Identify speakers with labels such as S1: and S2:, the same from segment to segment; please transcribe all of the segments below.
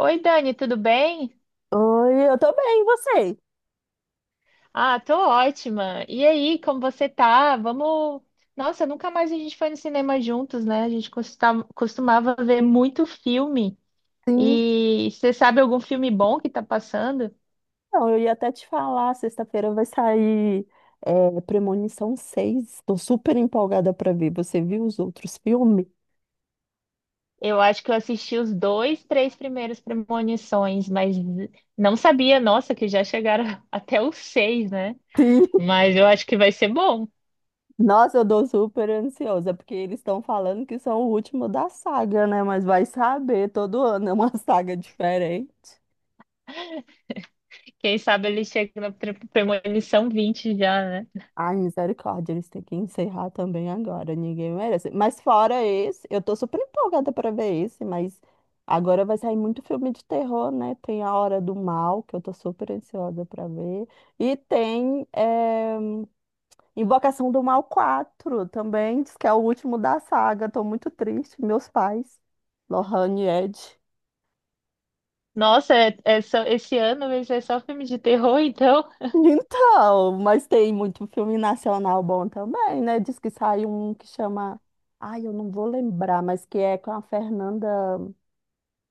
S1: Oi, Dani, tudo bem?
S2: Oi, eu tô bem, e você?
S1: Ah, tô ótima. E aí, como você tá? Vamos. Nossa, nunca mais a gente foi no cinema juntos, né? A gente costumava ver muito filme.
S2: Sim,
S1: E você sabe algum filme bom que tá passando?
S2: então, eu ia até te falar, sexta-feira vai sair Premonição 6. Tô super empolgada pra ver. Você viu os outros filmes?
S1: Eu acho que eu assisti os dois, três primeiros Premonições, mas não sabia, nossa, que já chegaram até os seis, né?
S2: Sim.
S1: Mas eu acho que vai ser bom.
S2: Nossa, eu tô super ansiosa, porque eles estão falando que são o último da saga, né? Mas vai saber, todo ano é uma saga diferente.
S1: Quem sabe ele chega na Premonição 20 já, né?
S2: Ai, misericórdia, eles têm que encerrar também agora, ninguém merece. Mas fora esse, eu tô super empolgada pra ver esse, mas agora vai sair muito filme de terror, né? Tem A Hora do Mal, que eu tô super ansiosa pra ver. E tem Invocação do Mal 4 também, diz que é o último da saga. Tô muito triste, meus pais, Lohane e Ed.
S1: Nossa, esse ano vai ser só filme de terror, então.
S2: Então, mas tem muito filme nacional bom também, né? Diz que saiu um que chama. Ai, eu não vou lembrar, mas que é com a Fernanda,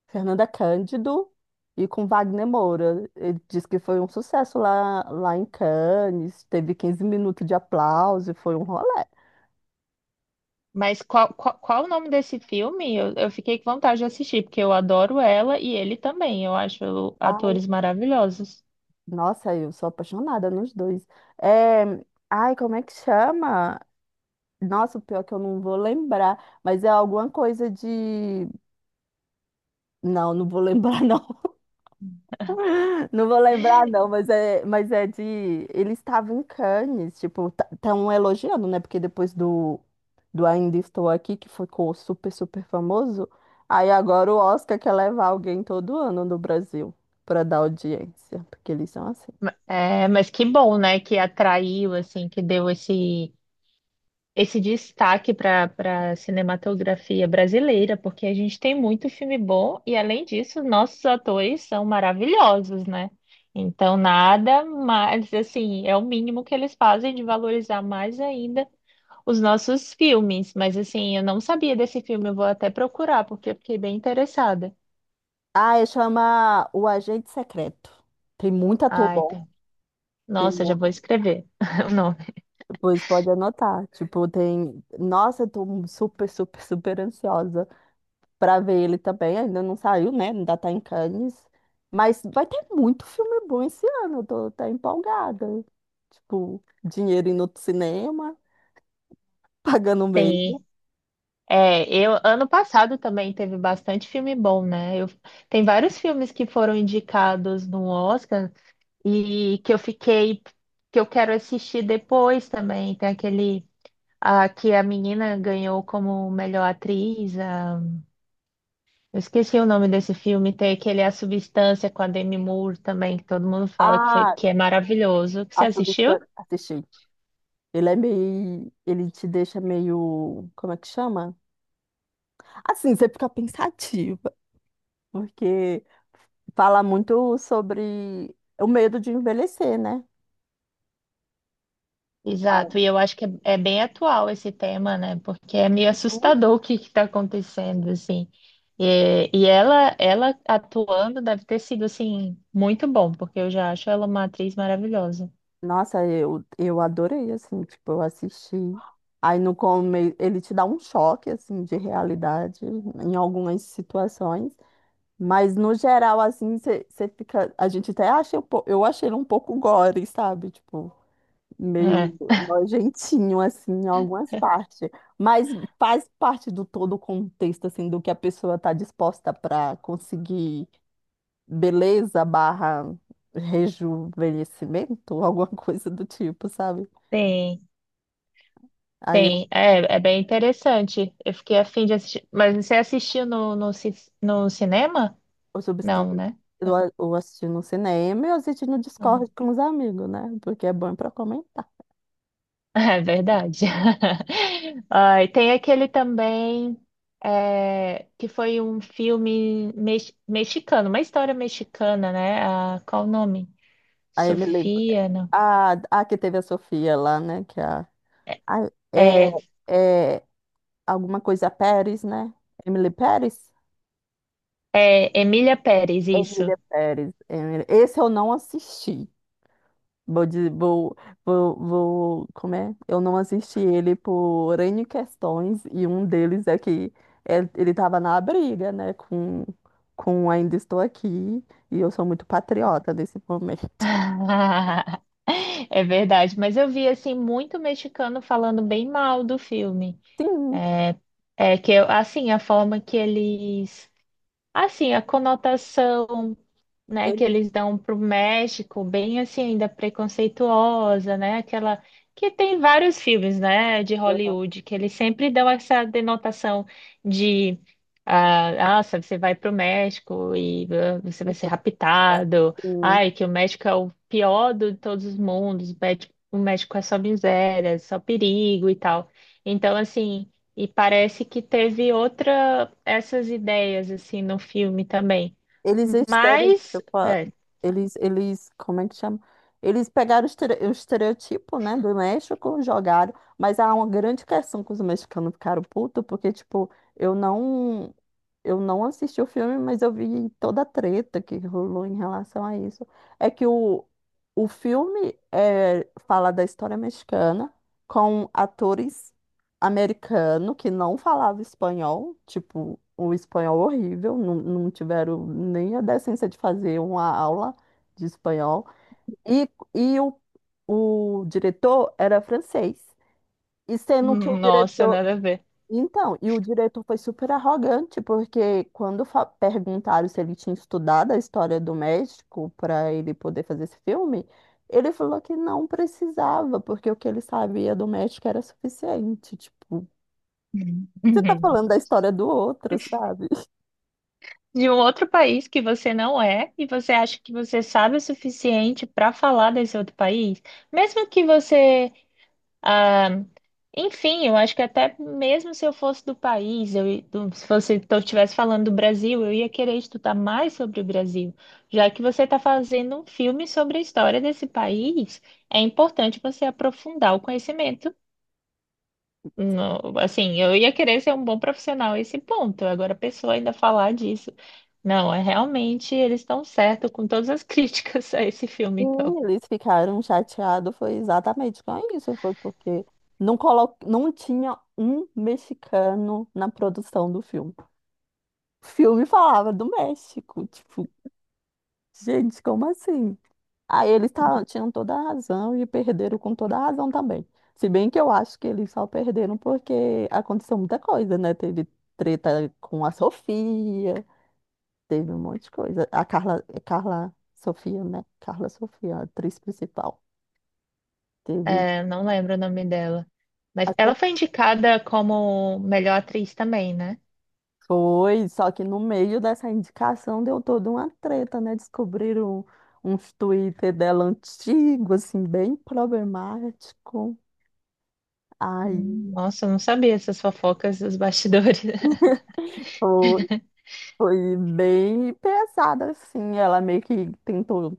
S2: Fernanda Cândido e com Wagner Moura. Ele diz que foi um sucesso lá em Cannes, teve 15 minutos de aplauso, e foi um rolê.
S1: Mas qual o nome desse filme? Eu fiquei com vontade de assistir, porque eu adoro ela e ele também. Eu acho
S2: Ai,
S1: atores maravilhosos.
S2: nossa, eu sou apaixonada nos dois. É, Ai, como é que chama? Nossa, o pior é que eu não vou lembrar, mas é alguma coisa de. Não, não vou lembrar, não. Não vou lembrar, não, mas é de. Ele estava em Cannes, tipo, estão elogiando, né? Porque depois do Ainda Estou Aqui, que ficou super, super famoso, aí agora o Oscar quer levar alguém todo ano no Brasil para dar audiência, porque eles são assim.
S1: É, mas que bom, né? Que atraiu, assim, que deu esse, esse destaque para cinematografia brasileira, porque a gente tem muito filme bom e, além disso, nossos atores são maravilhosos, né? Então, nada mais, assim, é o mínimo que eles fazem de valorizar mais ainda os nossos filmes. Mas, assim, eu não sabia desse filme, eu vou até procurar, porque eu fiquei bem interessada.
S2: Ah, e chama O Agente Secreto. Tem muito ator
S1: Ai, tá.
S2: bom. Tem,
S1: Nossa, já
S2: mu-
S1: vou escrever o nome.
S2: Pois pode anotar. Tipo, tem. Nossa, eu tô super, super, super ansiosa. Para ver ele também. Ainda não saiu, né? Ainda tá em Cannes. Mas vai ter muito filme bom esse ano. Eu tô até empolgada. Tipo, dinheiro indo pro cinema, pagando meio.
S1: Tem. É, eu ano passado também teve bastante filme bom, né? Tem vários filmes que foram indicados no Oscar e que eu fiquei, que eu quero assistir depois também. Tem aquele, ah, que a menina ganhou como melhor atriz. Ah, eu esqueci o nome desse filme. Tem aquele A Substância com a Demi Moore também, que todo mundo fala que foi,
S2: Ah,
S1: que é maravilhoso. Que você
S2: a
S1: assistiu?
S2: Substância. Assisti. Ele é meio. Ele te deixa meio. Como é que chama? Assim, você fica pensativa. Porque fala muito sobre o medo de envelhecer, né?
S1: Exato,
S2: Ah.
S1: e eu acho que é bem atual esse tema, né? Porque é meio
S2: Uhum.
S1: assustador o que está acontecendo, assim. E, ela atuando deve ter sido, assim, muito bom, porque eu já acho ela uma atriz maravilhosa.
S2: Nossa, eu adorei, assim, tipo, eu assisti. Aí no começo, ele te dá um choque, assim, de realidade em algumas situações, mas no geral, assim, você fica. A gente até acha, eu achei ele um pouco gore, sabe? Tipo,
S1: É,
S2: meio nojentinho, assim, em algumas partes, mas faz parte do todo o contexto, assim, do que a pessoa tá disposta para conseguir beleza barra rejuvenescimento, alguma coisa do tipo, sabe?
S1: tem,
S2: Aí eu,
S1: tem. É, é bem interessante. Eu fiquei afim de assistir. Mas você assistiu no, ci- no cinema?
S2: eu
S1: Não,
S2: substância
S1: né?
S2: eu, a- eu assisti no cinema e eu assisti no
S1: Ah.
S2: Discord com os amigos, né? Porque é bom pra comentar.
S1: É verdade. Ai, tem aquele também, é, que foi um filme mexicano, uma história mexicana, né? Ah, qual o nome?
S2: Aí me lembro.
S1: Sofia, não.
S2: Ah, que teve a Sofia lá, né? Que é
S1: É,
S2: é alguma coisa Pérez, né? Emily Pérez?
S1: é Emília Pérez, isso.
S2: Emília Pérez. Esse eu não assisti. Vou, de- vou, vou, vou, como é? Eu não assisti ele por N questões, e um deles é que ele estava na briga, né, com Ainda Estou Aqui, e eu sou muito patriota nesse momento.
S1: É verdade, mas eu vi assim muito mexicano falando bem mal do filme.
S2: Sim,
S1: É, é que eu, assim a forma que eles, assim a conotação, né,
S2: ele-
S1: que eles dão para o México, bem assim, ainda preconceituosa, né? Aquela que tem vários filmes, né, de Hollywood, que eles sempre dão essa denotação de, ah, nossa, você vai para o México e ah, você vai ser raptado.
S2: sim.
S1: Ai, que o México é o pior de todos os mundos, o México, o México é só miséria, só perigo e tal. Então, assim, e parece que teve outra essas ideias assim no filme também.
S2: Eles
S1: Mas
S2: estereotipam,
S1: é.
S2: eles, como é que chama? Eles pegaram o estereotipo, né, do México, jogaram, mas há uma grande questão que os mexicanos ficaram putos, porque, tipo, eu não. Eu não assisti o filme, mas eu vi toda a treta que rolou em relação a isso. É que o filme fala da história mexicana com atores americanos que não falavam espanhol, tipo, o espanhol horrível, não tiveram nem a decência de fazer uma aula de espanhol. E, e o diretor era francês. E sendo que o
S1: Nossa,
S2: diretor
S1: nada a ver.
S2: então, e o diretor foi super arrogante, porque quando perguntaram se ele tinha estudado a história do México para ele poder fazer esse filme, ele falou que não precisava, porque o que ele sabia do México era suficiente. Tipo,
S1: Uhum.
S2: você tá
S1: Uhum.
S2: falando da história do outro, sabe?
S1: De um outro país que você não é e você acha que você sabe o suficiente para falar desse outro país, mesmo que você, ah, enfim, eu acho que até mesmo se eu fosse do país, eu, do- se você estivesse falando do Brasil, eu ia querer estudar mais sobre o Brasil, já que você está fazendo um filme sobre a história desse país, é importante você aprofundar o conhecimento. Não, assim, eu ia querer ser um bom profissional a esse ponto. Agora, a pessoa ainda falar disso. Não, é realmente eles estão certos com todas as críticas a esse filme, então.
S2: Sim, eles ficaram chateados, foi exatamente com isso, foi porque não tinha um mexicano na produção do filme. O filme falava do México, tipo, gente, como assim? Aí eles tinham toda a razão e perderam com toda a razão também. Se bem que eu acho que eles só perderam porque aconteceu muita coisa, né? Teve treta com a Sofia, teve um monte de coisa. Carla Sofia, né? Carla Sofia, a atriz principal. Teve.
S1: É, não lembro o nome dela. Mas
S2: Acho
S1: ela
S2: que
S1: foi indicada como melhor atriz também, né?
S2: foi, só que no meio dessa indicação deu toda uma treta, né? Descobriram uns Twitter dela antigo, assim, bem problemático. Aí.
S1: Nossa, eu não sabia essas fofocas dos bastidores.
S2: Foi bem pesada, assim. Ela meio que tentou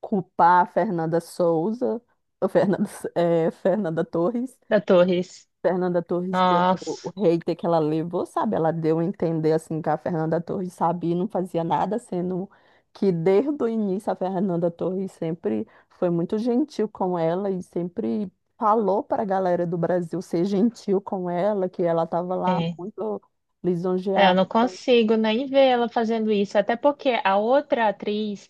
S2: culpar a Fernanda Souza, ou Fernanda, Fernanda Torres.
S1: Da Torres.
S2: Fernanda Torres, pelo o
S1: Nossa,
S2: hater que ela levou, sabe? Ela deu a entender, assim, que a Fernanda Torres sabia e não fazia nada, sendo que desde o início a Fernanda Torres sempre foi muito gentil com ela e sempre falou para a galera do Brasil ser gentil com ela, que ela estava lá
S1: é.
S2: muito
S1: É, eu
S2: lisonjeada.
S1: não consigo nem ver ela fazendo isso, até porque a outra atriz.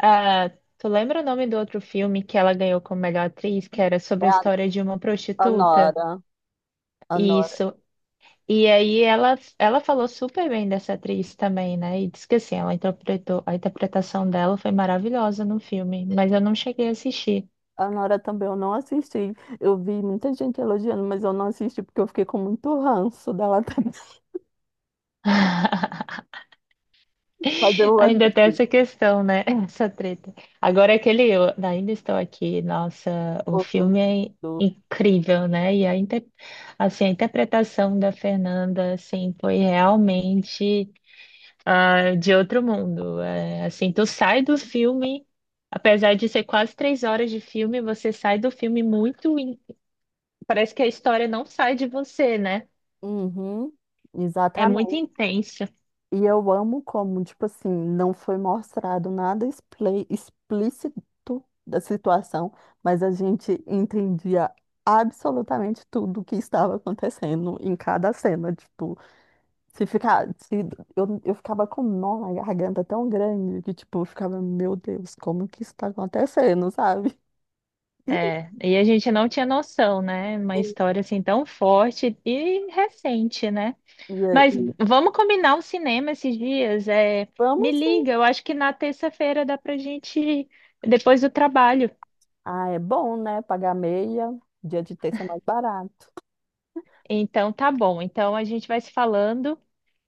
S1: Ah, tu lembra o nome do outro filme que ela ganhou como melhor atriz, que era
S2: É
S1: sobre a
S2: a
S1: história de uma
S2: a
S1: prostituta?
S2: Nora. A Nora
S1: Isso. E aí ela falou super bem dessa atriz também, né? E disse que assim, ela interpretou, a interpretação dela foi maravilhosa no filme, mas eu não cheguei a assistir.
S2: A Nora também eu não assisti. Eu vi muita gente elogiando, mas eu não assisti porque eu fiquei com muito ranço dela também. Mas eu
S1: Ainda tem
S2: assisti
S1: essa questão, né? Essa treta. Agora aquele eu ainda estou aqui. Nossa, o
S2: o filme
S1: filme é
S2: do.
S1: incrível, né? E a, inter... assim, a interpretação da Fernanda, assim, foi realmente, ah, de outro mundo. É, assim, tu sai do filme, apesar de ser quase 3 horas de filme, você sai do filme muito. In- parece que a história não sai de você, né?
S2: Uhum,
S1: É muito
S2: exatamente.
S1: intensa.
S2: E eu amo como, tipo assim, não foi mostrado nada explícito da situação, mas a gente entendia absolutamente tudo o que estava acontecendo em cada cena, tipo. Se ficar, se, eu ficava com um nó na garganta tão grande que, tipo, eu ficava, meu Deus, como que isso tá acontecendo, sabe?
S1: É, e a gente não tinha noção, né? Uma
S2: E,
S1: história assim tão forte e recente, né?
S2: e,
S1: Mas
S2: aí,
S1: vamos combinar um cinema esses dias. É,
S2: vamos
S1: me
S2: sim.
S1: liga, eu acho que na terça-feira dá pra gente ir, depois do trabalho.
S2: Ah, é bom, né? Pagar meia, dia de terça é mais barato.
S1: Então tá bom. Então a gente vai se falando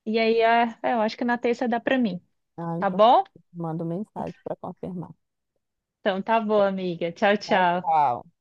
S1: e aí, ah, eu acho que na terça dá pra mim,
S2: Ah,
S1: tá
S2: então,
S1: bom?
S2: mando mensagem para confirmar.
S1: Então tá bom, amiga. Tchau,
S2: Tchau,
S1: tchau.
S2: tchau.